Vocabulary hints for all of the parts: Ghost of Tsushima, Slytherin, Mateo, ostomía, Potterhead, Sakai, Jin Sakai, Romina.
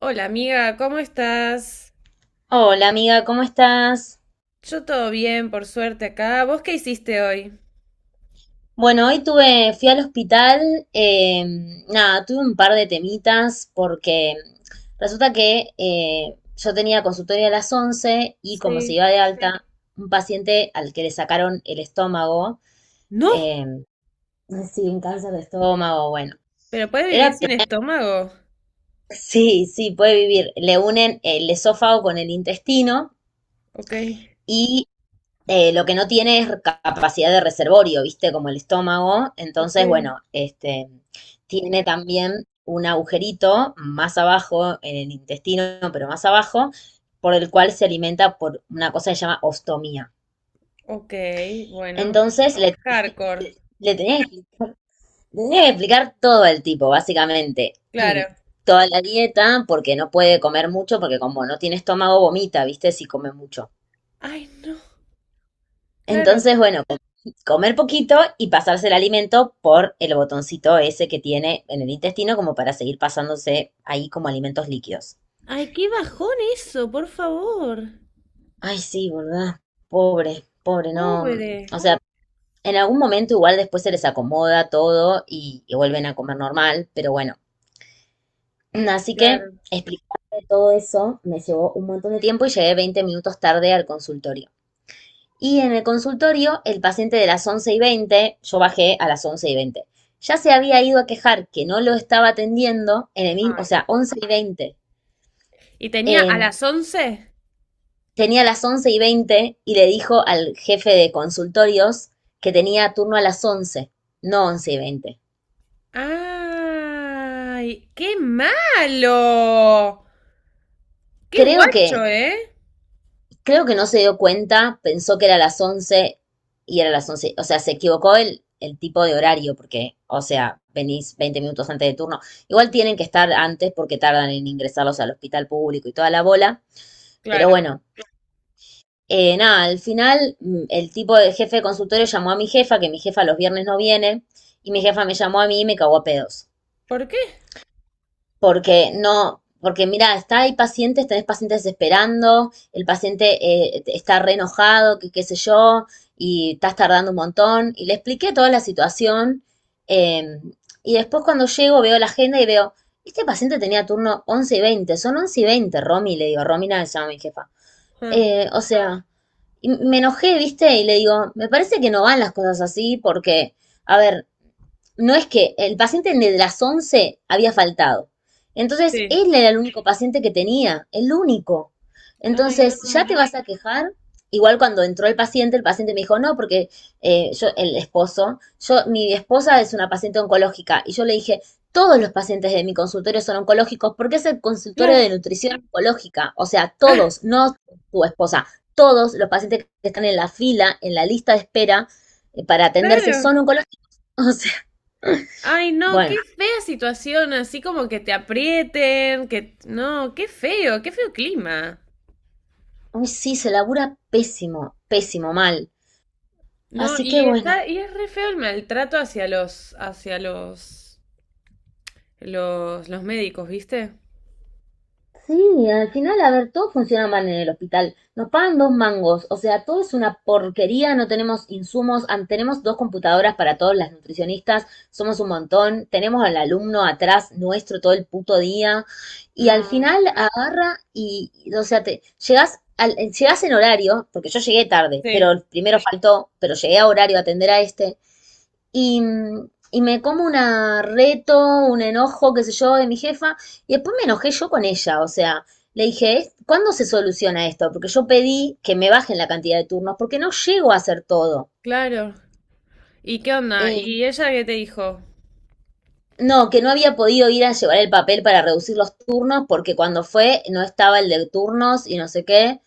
Hola amiga, ¿cómo estás? Hola amiga, ¿cómo estás? Yo todo bien, por suerte acá. ¿Vos qué hiciste hoy? Bueno, hoy fui al hospital, nada, tuve un par de temitas porque resulta que yo tenía consultorio a las 11 y como se Sí. iba de, sí, alta, un paciente al que le sacaron el estómago, No, eh, sí, un cáncer de estómago. Bueno, pero puedes vivir era, pe- sin estómago. sí, sí, puede vivir, le unen el esófago con el intestino Ok, y lo que no tiene es capacidad de reservorio, ¿viste? Como el estómago. ok, Entonces, bueno, este, tiene también un agujerito más abajo en el intestino, pero más abajo, por el cual se alimenta por una cosa que se llama ostomía. ok, bueno. Entonces, Hardcore, le tenía, que- le tenía que explicar todo al tipo, básicamente. claro. Toda la dieta, porque no puede comer mucho, porque como no tiene estómago, vomita, ¿viste? Si come mucho. Ay, no, claro. Entonces, bueno, comer poquito y pasarse el alimento por el botoncito ese que tiene en el intestino como para seguir pasándose ahí como alimentos líquidos. Ay, qué bajón eso, por favor. Ay, sí, ¿verdad? Pobre, pobre, no. Pobre. O sea, en algún momento igual después se les acomoda todo y vuelven a comer normal, pero bueno. Así que Claro. explicarle todo eso me llevó un montón de tiempo y llegué 20 minutos tarde al consultorio. Y en el consultorio, el paciente de las 11:20, yo bajé a las 11:20, ya se había ido a quejar que no lo estaba atendiendo en el mismo, o Ay. sea, 11:20. ¿Y tenía a Eh, las 11? Tenía las 11:20 y le dijo al jefe de consultorios que tenía turno a las 11, no 11:20. ¡Ay! ¡Qué malo! ¡Qué Creo que guacho, eh! Creo que no se dio cuenta, pensó que era las 11 y era las 11. O sea, se equivocó el tipo de horario, porque, o sea, venís 20 minutos antes de turno. Igual tienen que estar antes porque tardan en ingresarlos al hospital público y toda la bola. Pero Claro. bueno, nada, al final, el tipo de jefe de consultorio llamó a mi jefa, que mi jefa los viernes no viene, y mi jefa me llamó a mí y me cagó a pedos. ¿Por qué? Porque no, porque mira, está, hay pacientes, tenés pacientes esperando, el paciente, está re enojado, que qué sé yo, y estás tardando un montón, y le expliqué toda la situación, eh, y después cuando llego veo la agenda y veo, este paciente tenía turno 11:20, son 11:20, Romy, le digo. Romina se llama mi jefa. Ah, O sea, y me enojé, viste, y le digo, me parece que no van las cosas así porque, a ver, no es que el paciente de las 11 había faltado. Entonces, sí. él era el único paciente que tenía, el único. Ay, Entonces, ya no. te vas a quejar. Igual cuando entró el paciente me dijo, no, porque el esposo, mi esposa es una paciente oncológica. Y yo le dije, todos los pacientes de mi consultorio son oncológicos porque es el consultorio de Claro. nutrición oncológica. O sea, todos, no tu esposa, todos los pacientes que están en la fila, en la lista de espera, para atenderse, Claro. son oncológicos. O sea, Ay, no, qué bueno, fea situación, así como que te aprieten, que no, qué feo clima. uy, sí, se labura pésimo, pésimo, mal. No, Así que y bueno. está, y es re feo el maltrato hacia los médicos, ¿viste? Sí, al final, a ver, todo funciona mal en el hospital. Nos pagan dos mangos, o sea, todo es una porquería, no tenemos insumos, tenemos dos computadoras para todos las nutricionistas, somos un montón, tenemos al alumno atrás nuestro todo el puto día, y al No, final agarra o sea, te llegas llegas en horario, porque yo llegué tarde, sí, pero primero faltó, pero llegué a horario a atender a este, y, y me como una reto, un enojo, qué sé yo, de mi jefa, y después me enojé yo con ella, o sea, le dije, "Es- ¿cuándo se soluciona esto? Porque yo pedí que me bajen la cantidad de turnos, porque no llego a hacer todo." claro. ¿Y qué onda? Eh, ¿Y ella qué te dijo? no, que no había podido ir a llevar el papel para reducir los turnos, porque cuando fue no estaba el de turnos y no sé qué.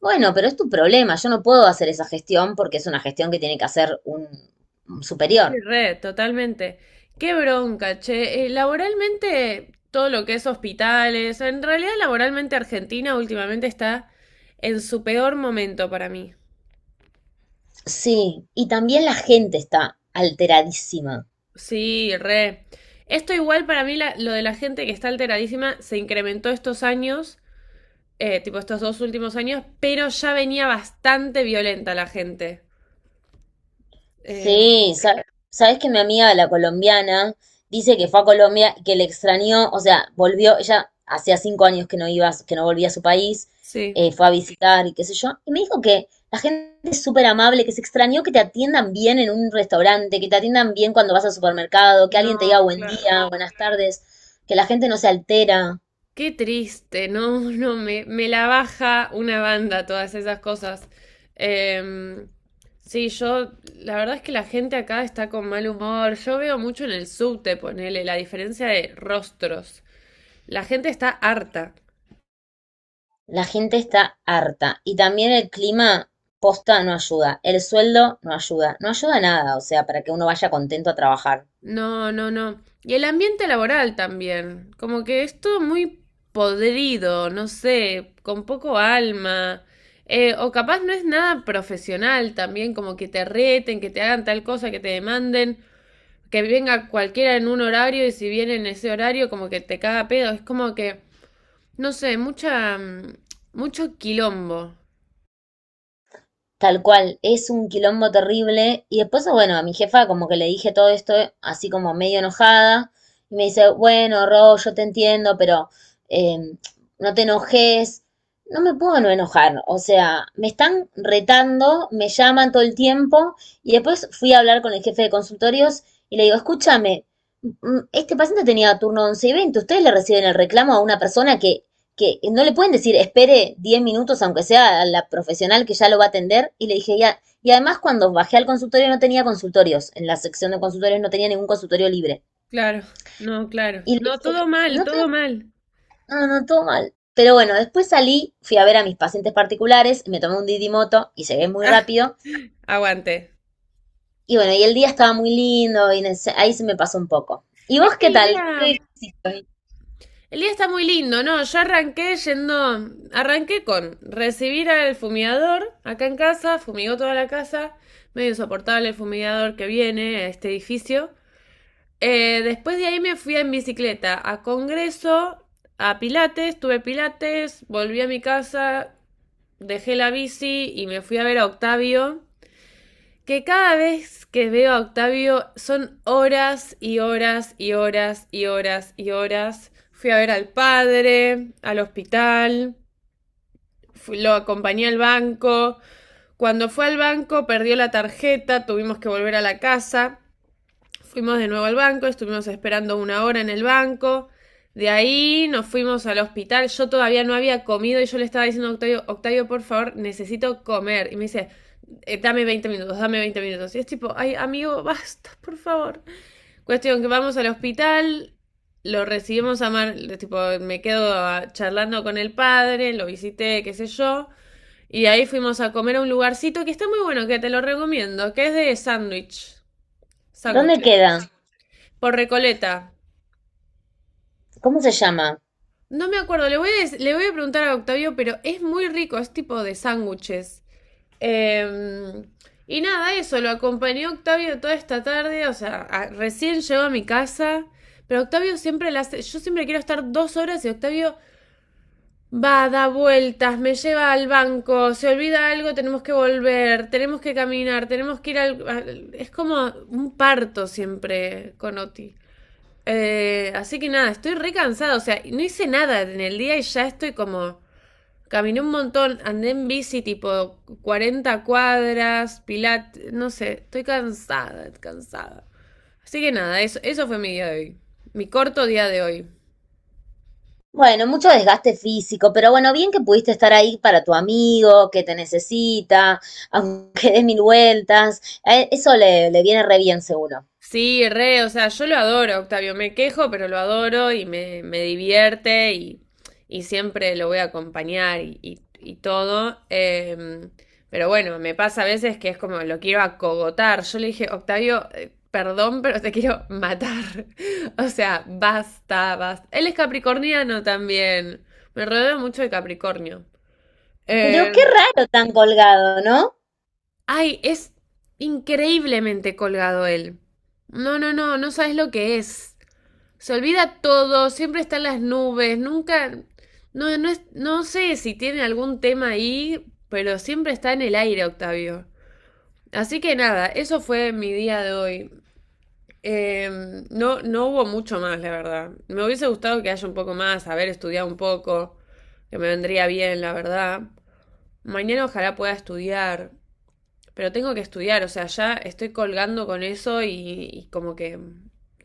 Bueno, pero es tu problema, yo no puedo hacer esa gestión porque es una gestión que tiene que hacer un Sí, superior. re, totalmente. Qué bronca, che. Laboralmente, todo lo que es hospitales, en realidad laboralmente Argentina últimamente está en su peor momento para mí. Sí, y también la gente está alteradísima. Sí, re. Esto igual para mí, lo de la gente que está alteradísima, se incrementó estos años, tipo estos 2 últimos años, pero ya venía bastante violenta la gente. Eh, Sí, sabes que mi amiga, la colombiana, dice que fue a Colombia, que le extrañó, o sea, volvió, ella hacía 5 años que no iba, que no volvía a su país. sí. Fue a visitar y qué sé yo, y me dijo que la gente es súper amable, que se extrañó que te atiendan bien en un restaurante, que te atiendan bien cuando vas al supermercado, que alguien te diga No, buen claro. día, buenas tardes, que la gente no se altera. Qué triste, no, no, me la baja una banda todas esas cosas. Em, sí, yo, la verdad es que la gente acá está con mal humor. Yo veo mucho en el subte, ponele, la diferencia de rostros. La gente está harta. La gente está harta. Y también el clima posta no ayuda, el sueldo no ayuda, no ayuda nada, o sea, para que uno vaya contento a trabajar. No, no, no. Y el ambiente laboral también. Como que es todo muy podrido, no sé, con poco alma. O capaz no es nada profesional también, como que te reten, que te hagan tal cosa, que te demanden. Que venga cualquiera en un horario y si viene en ese horario como que te caga pedo. Es como que, no sé, mucho quilombo. Tal cual, es un quilombo terrible. Y después, bueno, a mi jefa como que le dije todo esto así como medio enojada. Y me dice, bueno, Ro, yo te entiendo, pero eh, no te enojes. No me puedo no enojar. O sea, me están retando, me llaman todo el tiempo. Y después fui a hablar con el jefe de consultorios y le digo, escúchame, este paciente tenía turno 11 y veinte. Ustedes le reciben el reclamo a una persona que no le pueden decir, espere 10 minutos, aunque sea a la profesional que ya lo va a atender. Y le dije, ya. Y además, cuando bajé al consultorio, no tenía consultorios. En la sección de consultorios no tenía ningún consultorio libre. Claro, no, claro. Y le No, dije, todo mal, no, todo tengo, mal. no, no, no, todo mal. Pero bueno, después salí, fui a ver a mis pacientes particulares, me tomé un didimoto y llegué muy rápido. Ah, aguante. Y bueno, y el día estaba muy lindo y ahí se me pasó un poco. ¿Y Es vos que qué tal? ¿Qué hiciste? el día está muy lindo, ¿no? Yo arranqué yendo, arranqué con recibir al fumigador acá en casa, fumigó toda la casa, medio insoportable el fumigador que viene a este edificio. Después de ahí me fui en bicicleta a Congreso, a Pilates, tuve Pilates, volví a mi casa, dejé la bici y me fui a ver a Octavio, que cada vez que veo a Octavio son horas y horas y horas y horas y horas. Fui a ver al padre, al hospital, lo acompañé al banco. Cuando fue al banco perdió la tarjeta, tuvimos que volver a la casa. Fuimos de nuevo al banco, estuvimos esperando 1 hora en el banco. De ahí nos fuimos al hospital. Yo todavía no había comido y yo le estaba diciendo a Octavio, Octavio, por favor, necesito comer. Y me dice, dame 20 minutos, dame 20 minutos. Y es tipo, ay, amigo, basta, por favor. Cuestión que vamos al hospital, lo recibimos a Mar, tipo, me quedo charlando con el padre, lo visité, qué sé yo. Y ahí fuimos a comer a un lugarcito que está muy bueno, que te lo recomiendo, que es de ¿Dónde sándwiches queda? por Recoleta. ¿Cómo se llama? No me acuerdo, le voy a preguntar a Octavio, pero es muy rico, es tipo de sándwiches. Eh, y nada, eso, lo acompañó Octavio toda esta tarde, o sea, recién llegó a mi casa, pero Octavio siempre la hace, yo siempre quiero estar 2 horas y Octavio va, da vueltas, me lleva al banco, se olvida algo, tenemos que volver, tenemos que caminar, tenemos que ir Es como un parto siempre con Oti. Así que nada, estoy re cansada. O sea, no hice nada en el día y ya estoy como. Caminé un montón, andé en bici tipo 40 cuadras, no sé, estoy cansada, cansada. Así que nada, eso fue mi día de hoy. Mi corto día de hoy. Bueno, mucho desgaste físico, pero bueno, bien que pudiste estar ahí para tu amigo, que te necesita, aunque des mil vueltas. A él- Eso le, le viene re bien, seguro. Sí, re, o sea, yo lo adoro, Octavio, me quejo, pero lo adoro y me divierte y siempre lo voy a acompañar y todo. Pero bueno, me pasa a veces que es como lo quiero acogotar. Yo le dije, Octavio, perdón, pero te quiero matar. O sea, basta, basta. Él es capricorniano también. Me rodeo mucho de Capricornio. Pero qué Em, raro tan colgado, ¿no? ay, es increíblemente colgado él. No, no, no, no sabes lo que es. Se olvida todo, siempre están las nubes, nunca, no, no, no sé si tiene algún tema ahí, pero siempre está en el aire, Octavio. Así que nada, eso fue mi día de hoy. Eh, no, no hubo mucho más, la verdad. Me hubiese gustado que haya un poco más, haber estudiado un poco, que me vendría bien, la verdad. Mañana ojalá pueda estudiar. Pero tengo que estudiar, o sea, ya estoy colgando con eso y como que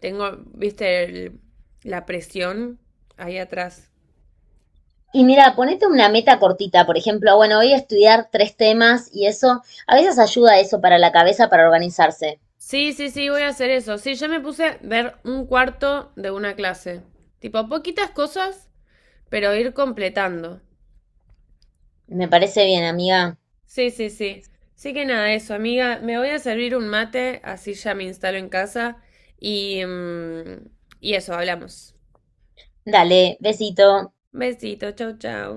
tengo, viste, la presión ahí atrás. Y mira, ponete una meta cortita, por ejemplo, bueno, voy a estudiar tres temas y eso, a veces ayuda eso para la cabeza, para organizarse. Sí, sí, sí, voy a hacer eso. Sí, ya me puse a ver un cuarto de una clase. Tipo, poquitas cosas, pero ir completando. Me parece bien, amiga. Sí, sí, sí. Sí que nada, eso, amiga. Me voy a servir un mate, así ya me instalo en casa. Y, mm, y eso, hablamos. Dale, besito. Besito, chau, chau.